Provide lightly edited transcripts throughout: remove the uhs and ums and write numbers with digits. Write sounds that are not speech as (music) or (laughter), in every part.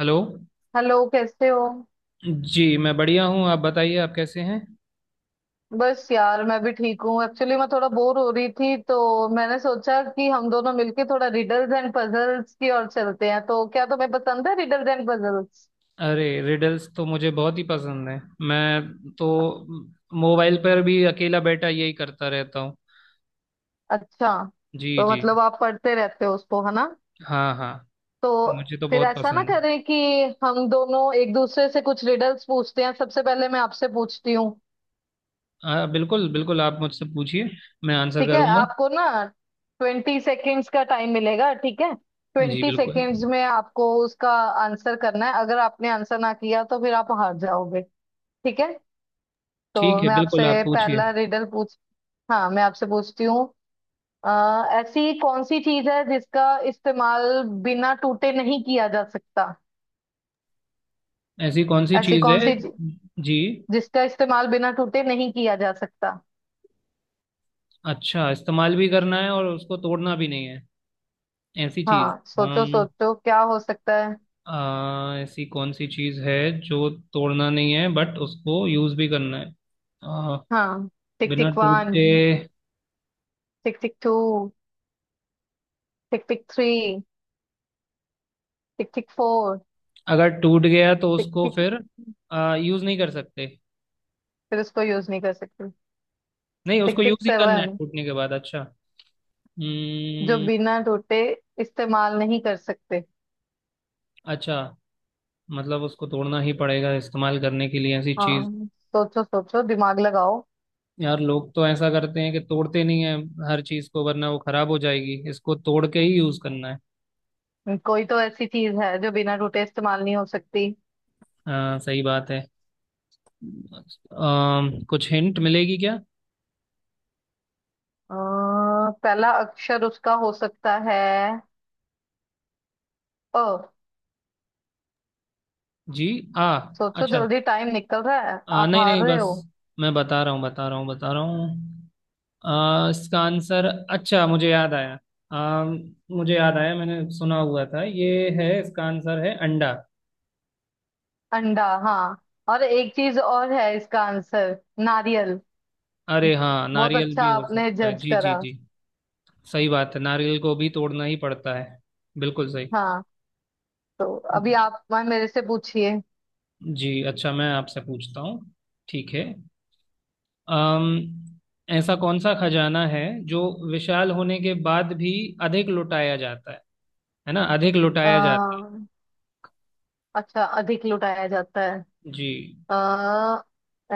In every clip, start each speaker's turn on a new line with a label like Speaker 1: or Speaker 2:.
Speaker 1: Hello.
Speaker 2: Hello, कैसे हो।
Speaker 1: जी, मैं बढ़िया हूँ। आप बताइए, आप कैसे हैं?
Speaker 2: बस यार, मैं भी ठीक हूँ। एक्चुअली मैं थोड़ा बोर हो रही थी तो मैंने सोचा कि हम दोनों मिलके थोड़ा रिडल्स एंड पजल्स की ओर चलते हैं। तो क्या तुम्हें पसंद है रिडल्स एंड पजल्स?
Speaker 1: अरे, रिडल्स तो मुझे बहुत ही पसंद है। मैं तो मोबाइल पर भी अकेला बैठा यही करता रहता हूँ।
Speaker 2: अच्छा।
Speaker 1: जी
Speaker 2: तो
Speaker 1: जी।
Speaker 2: मतलब आप पढ़ते रहते हो उसको, है ना?
Speaker 1: हाँ हाँ।
Speaker 2: तो
Speaker 1: मुझे तो
Speaker 2: फिर
Speaker 1: बहुत
Speaker 2: ऐसा ना
Speaker 1: पसंद है।
Speaker 2: करें कि हम दोनों एक दूसरे से कुछ रिडल्स पूछते हैं। सबसे पहले मैं आपसे पूछती हूँ।
Speaker 1: हाँ, बिल्कुल बिल्कुल, आप मुझसे पूछिए। मैं आंसर
Speaker 2: ठीक है,
Speaker 1: करूँगा।
Speaker 2: आपको ना 20 सेकेंड्स का टाइम मिलेगा, ठीक है?
Speaker 1: जी
Speaker 2: ट्वेंटी
Speaker 1: बिल्कुल।
Speaker 2: सेकेंड्स में आपको उसका आंसर करना है। अगर आपने आंसर ना किया तो फिर आप हार जाओगे, ठीक है? तो
Speaker 1: ठीक है,
Speaker 2: मैं
Speaker 1: बिल्कुल, आप
Speaker 2: आपसे
Speaker 1: पूछिए।
Speaker 2: पहला रिडल पूछ हाँ, मैं आपसे पूछती हूँ। अ, ऐसी कौन सी चीज है जिसका इस्तेमाल बिना टूटे नहीं किया जा सकता?
Speaker 1: ऐसी कौन सी
Speaker 2: ऐसी
Speaker 1: चीज़
Speaker 2: कौन
Speaker 1: है?
Speaker 2: सी चीज-
Speaker 1: जी,
Speaker 2: जिसका इस्तेमाल बिना टूटे नहीं किया जा सकता।
Speaker 1: अच्छा, इस्तेमाल भी करना है और उसको तोड़ना भी नहीं है? ऐसी चीज़।
Speaker 2: हाँ, सोचो सोचो, क्या हो सकता है?
Speaker 1: ऐसी कौन सी चीज है जो तोड़ना नहीं है, बट उसको यूज भी करना है। आ,
Speaker 2: हाँ। टिक
Speaker 1: बिना
Speaker 2: टिक
Speaker 1: टूटे।
Speaker 2: One. Tick tick two. Tick tick three. Tick tick four.
Speaker 1: अगर टूट गया तो
Speaker 2: टिक
Speaker 1: उसको
Speaker 2: टिक।
Speaker 1: फिर यूज नहीं कर सकते।
Speaker 2: फिर उसको यूज नहीं कर सकते।
Speaker 1: नहीं,
Speaker 2: टिक
Speaker 1: उसको
Speaker 2: टिक
Speaker 1: यूज ही करना है
Speaker 2: सेवन।
Speaker 1: टूटने के बाद। अच्छा।
Speaker 2: जो
Speaker 1: हम्म।
Speaker 2: बिना टूटे इस्तेमाल नहीं कर सकते।
Speaker 1: अच्छा, मतलब उसको तोड़ना ही पड़ेगा इस्तेमाल करने के लिए? ऐसी चीज।
Speaker 2: हाँ, सोचो सोचो, दिमाग लगाओ।
Speaker 1: यार, लोग तो ऐसा करते हैं कि तोड़ते नहीं है हर चीज को, वरना वो खराब हो जाएगी। इसको तोड़ के ही यूज करना है।
Speaker 2: कोई तो ऐसी चीज है जो बिना टूटे इस्तेमाल नहीं हो सकती।
Speaker 1: सही बात है। आ, कुछ हिंट मिलेगी क्या?
Speaker 2: अ, पहला अक्षर उसका हो सकता है, अ।
Speaker 1: जी। आ।
Speaker 2: सोचो
Speaker 1: अच्छा।
Speaker 2: जल्दी, टाइम निकल रहा है, आप
Speaker 1: नहीं
Speaker 2: हार
Speaker 1: नहीं,
Speaker 2: रहे
Speaker 1: बस।
Speaker 2: हो।
Speaker 1: मैं बता रहा हूँ, बता रहा हूँ, बता रहा हूँ। इसका आंसर। अच्छा, मुझे याद आया। आ, मुझे याद आया, मैंने सुना हुआ था, ये है, इसका आंसर है अंडा।
Speaker 2: अंडा, हाँ। और एक चीज और है, इसका आंसर नारियल।
Speaker 1: अरे हाँ,
Speaker 2: बहुत
Speaker 1: नारियल
Speaker 2: अच्छा,
Speaker 1: भी हो
Speaker 2: आपने
Speaker 1: सकता है।
Speaker 2: जज
Speaker 1: जी जी
Speaker 2: करा।
Speaker 1: जी। सही बात है, नारियल को भी तोड़ना ही पड़ता है। बिल्कुल सही।
Speaker 2: हाँ, तो अभी आप मैं मेरे से पूछिए।
Speaker 1: जी, अच्छा, मैं आपसे पूछता हूँ। ठीक है। अम, ऐसा कौन सा खजाना है जो विशाल होने के बाद भी अधिक लुटाया जाता है? है ना, अधिक लुटाया जाता
Speaker 2: अ, अच्छा, अधिक लुटाया जाता है।
Speaker 1: है। जी।
Speaker 2: अ,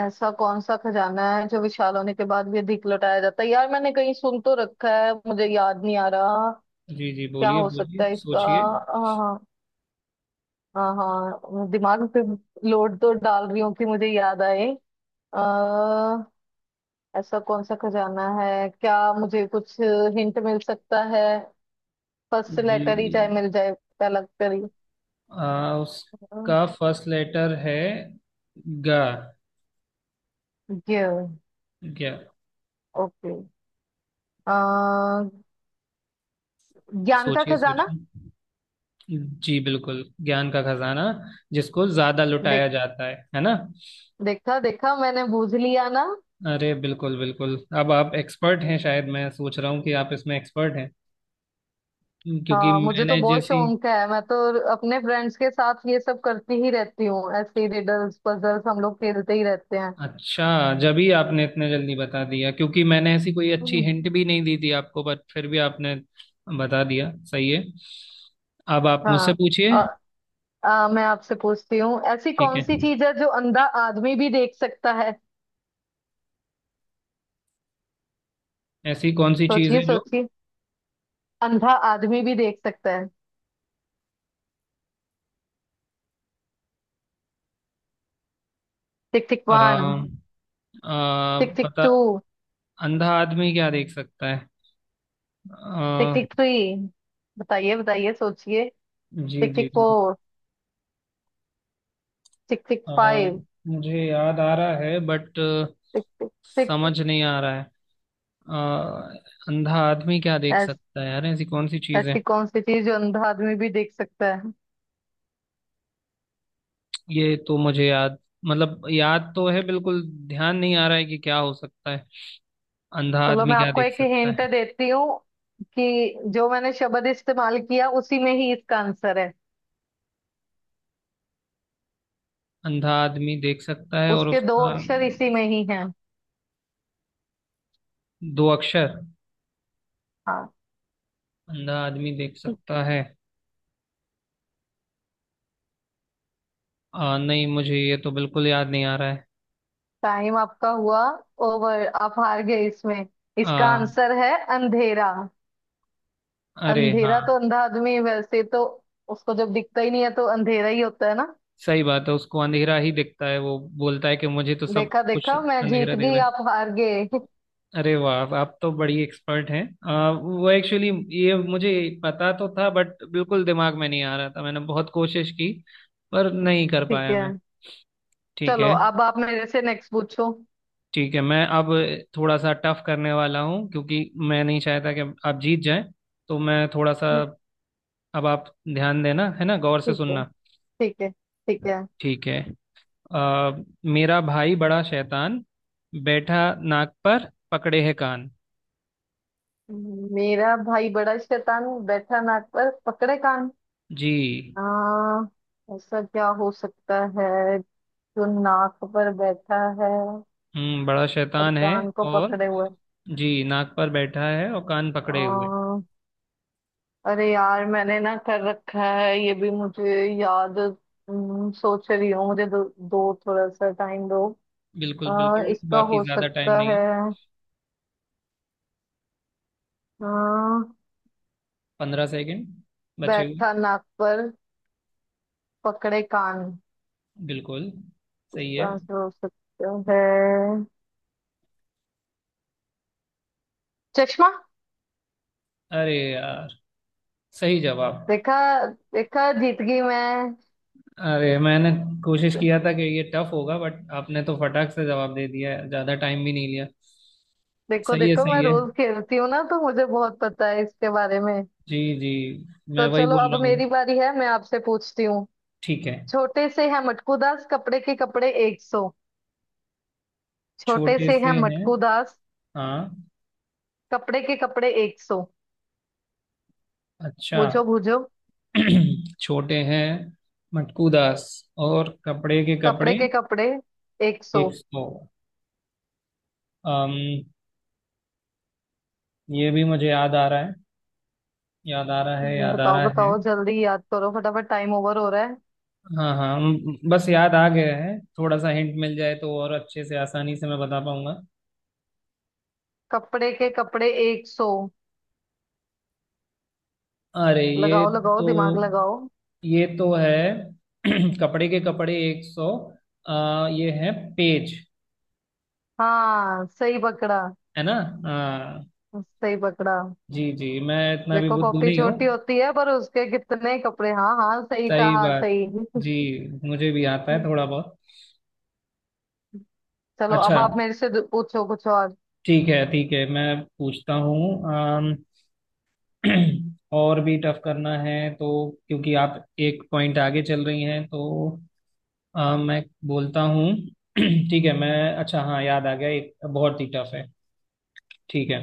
Speaker 2: ऐसा कौन सा खजाना है जो विशाल होने के बाद भी अधिक लुटाया जाता है? यार, मैंने कहीं सुन तो रखा है, मुझे याद नहीं आ रहा।
Speaker 1: जी जी,
Speaker 2: क्या
Speaker 1: बोलिए
Speaker 2: हो
Speaker 1: बोलिए,
Speaker 2: सकता है इसका?
Speaker 1: सोचिए।
Speaker 2: हाँ हाँ हाँ, दिमाग पे लोड तो डाल रही हूँ कि मुझे याद आए। आ, ऐसा कौन सा खजाना है? क्या मुझे कुछ हिंट मिल सकता है, फर्स्ट
Speaker 1: जी।
Speaker 2: लेटर ही चाहे मिल जाए। पहला अक्षर ही। अ,
Speaker 1: उसका फर्स्ट लेटर है ग।
Speaker 2: ये,
Speaker 1: क्या?
Speaker 2: ओके। अ, ज्ञान का
Speaker 1: सोचिए
Speaker 2: खजाना।
Speaker 1: सोचिए। जी बिल्कुल, ज्ञान का खजाना जिसको ज्यादा
Speaker 2: देख
Speaker 1: लुटाया जाता है ना।
Speaker 2: देखा देखा, मैंने बूझ लिया ना।
Speaker 1: अरे बिल्कुल बिल्कुल, अब आप एक्सपर्ट हैं। शायद मैं सोच रहा हूँ कि आप इसमें एक्सपर्ट हैं क्योंकि
Speaker 2: हाँ, मुझे तो
Speaker 1: मैंने
Speaker 2: बहुत
Speaker 1: जैसी।
Speaker 2: शौक है। मैं तो अपने फ्रेंड्स के साथ ये सब करती ही रहती हूँ, ऐसे रिडल्स पजल्स हम लोग खेलते ही रहते हैं।
Speaker 1: अच्छा, जब ही आपने इतने जल्दी बता दिया, क्योंकि मैंने ऐसी कोई अच्छी
Speaker 2: हम्म।
Speaker 1: हिंट भी नहीं दी थी आपको, बट फिर भी आपने बता दिया। सही है। अब आप मुझसे
Speaker 2: हाँ।
Speaker 1: पूछिए।
Speaker 2: अ, मैं आपसे पूछती हूँ, ऐसी
Speaker 1: ठीक
Speaker 2: कौन
Speaker 1: है।
Speaker 2: सी चीज है जो अंधा आदमी भी देख सकता है?
Speaker 1: ऐसी कौन सी चीज़
Speaker 2: सोचिए
Speaker 1: है जो
Speaker 2: सोचिए, अंधा आदमी भी देख सकता है। टिक टिक
Speaker 1: आ,
Speaker 2: वन।
Speaker 1: आ,
Speaker 2: टिक टिक
Speaker 1: पता,
Speaker 2: टू।
Speaker 1: अंधा आदमी क्या देख सकता है?
Speaker 2: टिक
Speaker 1: आ,
Speaker 2: टिक थ्री। बताइए बताइए, सोचिए।
Speaker 1: जी
Speaker 2: टिक
Speaker 1: जी
Speaker 2: टिक
Speaker 1: जी।
Speaker 2: फोर। टिक टिक
Speaker 1: आ,
Speaker 2: फाइव।
Speaker 1: मुझे याद आ रहा है बट
Speaker 2: टिक टिक टिक।
Speaker 1: समझ नहीं आ रहा है। आ, अंधा आदमी क्या देख
Speaker 2: ऐस,
Speaker 1: सकता है यार? ऐसी कौन सी चीज़ है?
Speaker 2: ऐसी कौन सी चीज जो अंधा आदमी भी देख सकता है?
Speaker 1: ये तो मुझे याद, मतलब याद तो है बिल्कुल। ध्यान नहीं आ रहा है कि क्या हो सकता है। अंधा
Speaker 2: चलो,
Speaker 1: आदमी
Speaker 2: मैं
Speaker 1: क्या
Speaker 2: आपको
Speaker 1: देख
Speaker 2: एक
Speaker 1: सकता
Speaker 2: हिंट
Speaker 1: है?
Speaker 2: देती हूँ कि जो मैंने शब्द इस्तेमाल किया उसी में ही इसका आंसर है।
Speaker 1: अंधा आदमी देख सकता है और
Speaker 2: उसके दो
Speaker 1: उसका
Speaker 2: अक्षर इसी में ही हैं।
Speaker 1: दो अक्षर।
Speaker 2: हाँ।
Speaker 1: अंधा आदमी देख सकता है। नहीं, मुझे ये तो बिल्कुल याद नहीं आ रहा है।
Speaker 2: टाइम आपका हुआ ओवर, आप हार गए इसमें। इसका
Speaker 1: आ,
Speaker 2: आंसर है अंधेरा।
Speaker 1: अरे हाँ।
Speaker 2: अंधेरा तो अंधा आदमी है, वैसे तो। उसको जब दिखता ही नहीं है तो अंधेरा ही होता है ना।
Speaker 1: सही बात है, उसको अंधेरा ही दिखता है। वो बोलता है कि मुझे तो सब
Speaker 2: देखा
Speaker 1: कुछ
Speaker 2: देखा, मैं
Speaker 1: अंधेरा
Speaker 2: जीत
Speaker 1: दिख
Speaker 2: गई,
Speaker 1: रहा है।
Speaker 2: आप हार गए। (laughs)
Speaker 1: अरे वाह, आप तो बड़ी एक्सपर्ट हैं। वो एक्चुअली ये मुझे पता तो था, बट बिल्कुल दिमाग में नहीं आ रहा था। मैंने बहुत कोशिश की पर नहीं कर
Speaker 2: ठीक
Speaker 1: पाया
Speaker 2: है।
Speaker 1: मैं। ठीक
Speaker 2: चलो,
Speaker 1: है।
Speaker 2: अब आप मेरे से नेक्स्ट पूछो।
Speaker 1: ठीक है, मैं अब थोड़ा सा टफ करने वाला हूँ क्योंकि मैं नहीं चाहता कि आप जीत जाएं। तो मैं थोड़ा सा, अब आप ध्यान देना, है ना, गौर से
Speaker 2: ठीक है,
Speaker 1: सुनना।
Speaker 2: ठीक है, ठीक है।
Speaker 1: ठीक है। आ, मेरा भाई बड़ा शैतान, बैठा नाक पर पकड़े है कान।
Speaker 2: मेरा भाई बड़ा शैतान, बैठा नाक पर पकड़े कान।
Speaker 1: जी।
Speaker 2: आ, ऐसा क्या हो सकता है जो नाक पर बैठा है
Speaker 1: हम्म। बड़ा
Speaker 2: और
Speaker 1: शैतान है।
Speaker 2: कान को
Speaker 1: और।
Speaker 2: पकड़े हुए?
Speaker 1: जी, नाक पर बैठा है और कान
Speaker 2: आ,
Speaker 1: पकड़े हुए।
Speaker 2: अरे यार, मैंने ना कर रखा है, ये भी मुझे याद। सोच रही हूँ, मुझे दो थोड़ा सा टाइम दो।
Speaker 1: बिल्कुल बिल्कुल,
Speaker 2: इसका
Speaker 1: बाकी
Speaker 2: हो
Speaker 1: ज्यादा टाइम
Speaker 2: सकता
Speaker 1: नहीं
Speaker 2: है।
Speaker 1: है।
Speaker 2: आ,
Speaker 1: 15 सेकंड बचे हुए।
Speaker 2: बैठा नाक पर पकड़े कान।
Speaker 1: बिल्कुल। सही
Speaker 2: इसका
Speaker 1: है।
Speaker 2: आंसर हो सकता है, चश्मा।
Speaker 1: अरे यार, सही जवाब।
Speaker 2: देखा देखा, जीत गई मैं।
Speaker 1: अरे मैंने कोशिश किया था कि ये टफ होगा, बट आपने तो फटाक से जवाब दे दिया है, ज्यादा टाइम भी नहीं लिया।
Speaker 2: देखो
Speaker 1: सही है,
Speaker 2: देखो, मैं
Speaker 1: सही है।
Speaker 2: रोज खेलती हूँ ना, तो मुझे बहुत पता है इसके बारे में।
Speaker 1: जी जी, मैं
Speaker 2: तो
Speaker 1: वही
Speaker 2: चलो,
Speaker 1: बोल
Speaker 2: अब
Speaker 1: रहा हूँ।
Speaker 2: मेरी बारी है, मैं आपसे पूछती हूँ।
Speaker 1: ठीक है।
Speaker 2: छोटे से है मटकू दास, कपड़े के कपड़े 100। छोटे
Speaker 1: छोटे
Speaker 2: से
Speaker 1: से
Speaker 2: है
Speaker 1: हैं।
Speaker 2: मटकू दास,
Speaker 1: हाँ।
Speaker 2: कपड़े के कपड़े एक सौ।
Speaker 1: अच्छा।
Speaker 2: बूझो बूझो।
Speaker 1: (clears throat) छोटे हैं मटकू दास, और कपड़े के
Speaker 2: कपड़े
Speaker 1: कपड़े
Speaker 2: के कपड़े एक सौ।
Speaker 1: 100। अम ये भी मुझे याद आ रहा है। याद आ रहा है, याद आ
Speaker 2: बताओ
Speaker 1: रहा है।
Speaker 2: बताओ, जल्दी याद करो फटाफट, टाइम ओवर हो रहा है।
Speaker 1: हाँ हाँ, बस याद आ गया है। थोड़ा सा हिंट मिल जाए तो और अच्छे से आसानी से मैं बता पाऊंगा।
Speaker 2: कपड़े के कपड़े एक सौ।
Speaker 1: अरे, ये
Speaker 2: लगाओ लगाओ,
Speaker 1: तो,
Speaker 2: दिमाग लगाओ।
Speaker 1: ये तो है। (clears throat) कपड़े के कपड़े एक सौ। ये है पेज।
Speaker 2: हाँ, सही पकड़ा,
Speaker 1: है ना? हाँ।
Speaker 2: सही पकड़ा।
Speaker 1: जी जी, मैं इतना भी
Speaker 2: देखो,
Speaker 1: बुद्धू
Speaker 2: कॉपी
Speaker 1: नहीं हूँ।
Speaker 2: छोटी होती है पर उसके कितने कपड़े। हाँ हाँ, सही
Speaker 1: सही
Speaker 2: कहा,
Speaker 1: बात।
Speaker 2: सही। (laughs)
Speaker 1: जी। मुझे भी आता है थोड़ा बहुत।
Speaker 2: चलो, अब
Speaker 1: अच्छा।
Speaker 2: आप मेरे से पूछो कुछ और।
Speaker 1: ठीक है, ठीक है, मैं पूछता हूँ। (clears throat) और भी टफ करना है तो, क्योंकि आप एक पॉइंट आगे चल रही हैं, तो मैं बोलता हूँ। (clears throat) ठीक है। मैं, अच्छा हाँ, याद आ गया, एक बहुत ही टफ है। ठीक है।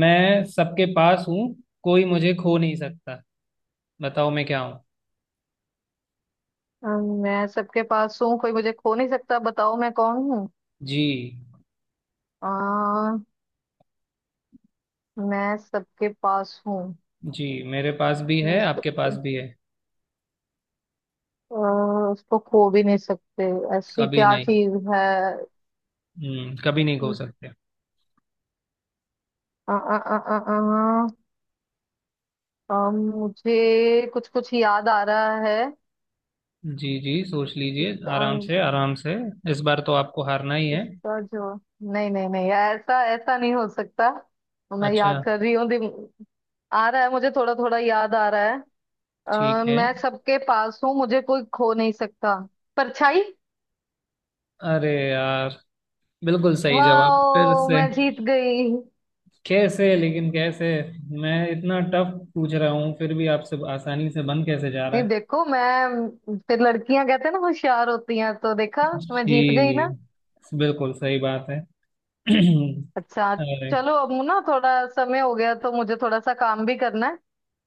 Speaker 1: मैं सबके पास हूँ, कोई मुझे खो नहीं सकता। बताओ मैं क्या हूँ?
Speaker 2: मैं सबके पास हूँ, कोई मुझे खो नहीं सकता, बताओ मैं कौन हूँ?
Speaker 1: जी।
Speaker 2: आ, मैं सबके पास हूँ।
Speaker 1: जी, मेरे पास भी है,
Speaker 2: मैं
Speaker 1: आपके पास
Speaker 2: सबके
Speaker 1: भी है।
Speaker 2: उसको खो भी नहीं सकते। ऐसी
Speaker 1: कभी
Speaker 2: क्या
Speaker 1: नहीं।
Speaker 2: चीज है?
Speaker 1: कभी नहीं खो सकते।
Speaker 2: आ, आ, आ, आ, आ, अम, मुझे कुछ कुछ याद आ रहा है।
Speaker 1: जी जी, सोच लीजिए,
Speaker 2: इसका
Speaker 1: आराम से, आराम से। इस बार तो आपको हारना ही है।
Speaker 2: इसका जो नहीं नहीं नहीं, ऐसा ऐसा नहीं हो सकता। मैं
Speaker 1: अच्छा।
Speaker 2: याद कर रही हूँ, आ रहा है, मुझे थोड़ा थोड़ा याद आ रहा है।
Speaker 1: ठीक है।
Speaker 2: मैं सबके पास हूँ, मुझे कोई खो नहीं सकता। परछाई।
Speaker 1: अरे यार, बिल्कुल सही जवाब फिर
Speaker 2: वाह,
Speaker 1: से।
Speaker 2: मैं जीत गई।
Speaker 1: कैसे, लेकिन कैसे? मैं इतना टफ पूछ रहा हूँ, फिर भी आपसे आसानी से बन कैसे जा रहा
Speaker 2: नहीं,
Speaker 1: है?
Speaker 2: देखो, मैं फिर लड़कियां कहते हैं ना होशियार होती हैं, तो देखा।
Speaker 1: जी।
Speaker 2: मैं जीत गई।
Speaker 1: जी बिल्कुल सही बात है। (clears throat) अरे।
Speaker 2: अच्छा। चलो, अब ना थोड़ा समय हो गया तो मुझे थोड़ा सा काम भी करना है।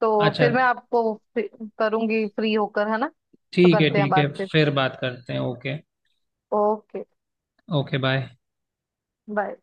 Speaker 2: तो
Speaker 1: अच्छा।
Speaker 2: फिर मैं आपको करूंगी, फ्री होकर, है ना? तो
Speaker 1: ठीक है,
Speaker 2: करते हैं
Speaker 1: ठीक है,
Speaker 2: बात फिर।
Speaker 1: फिर बात करते हैं। Okay.
Speaker 2: Okay,
Speaker 1: okay bye.
Speaker 2: Bye.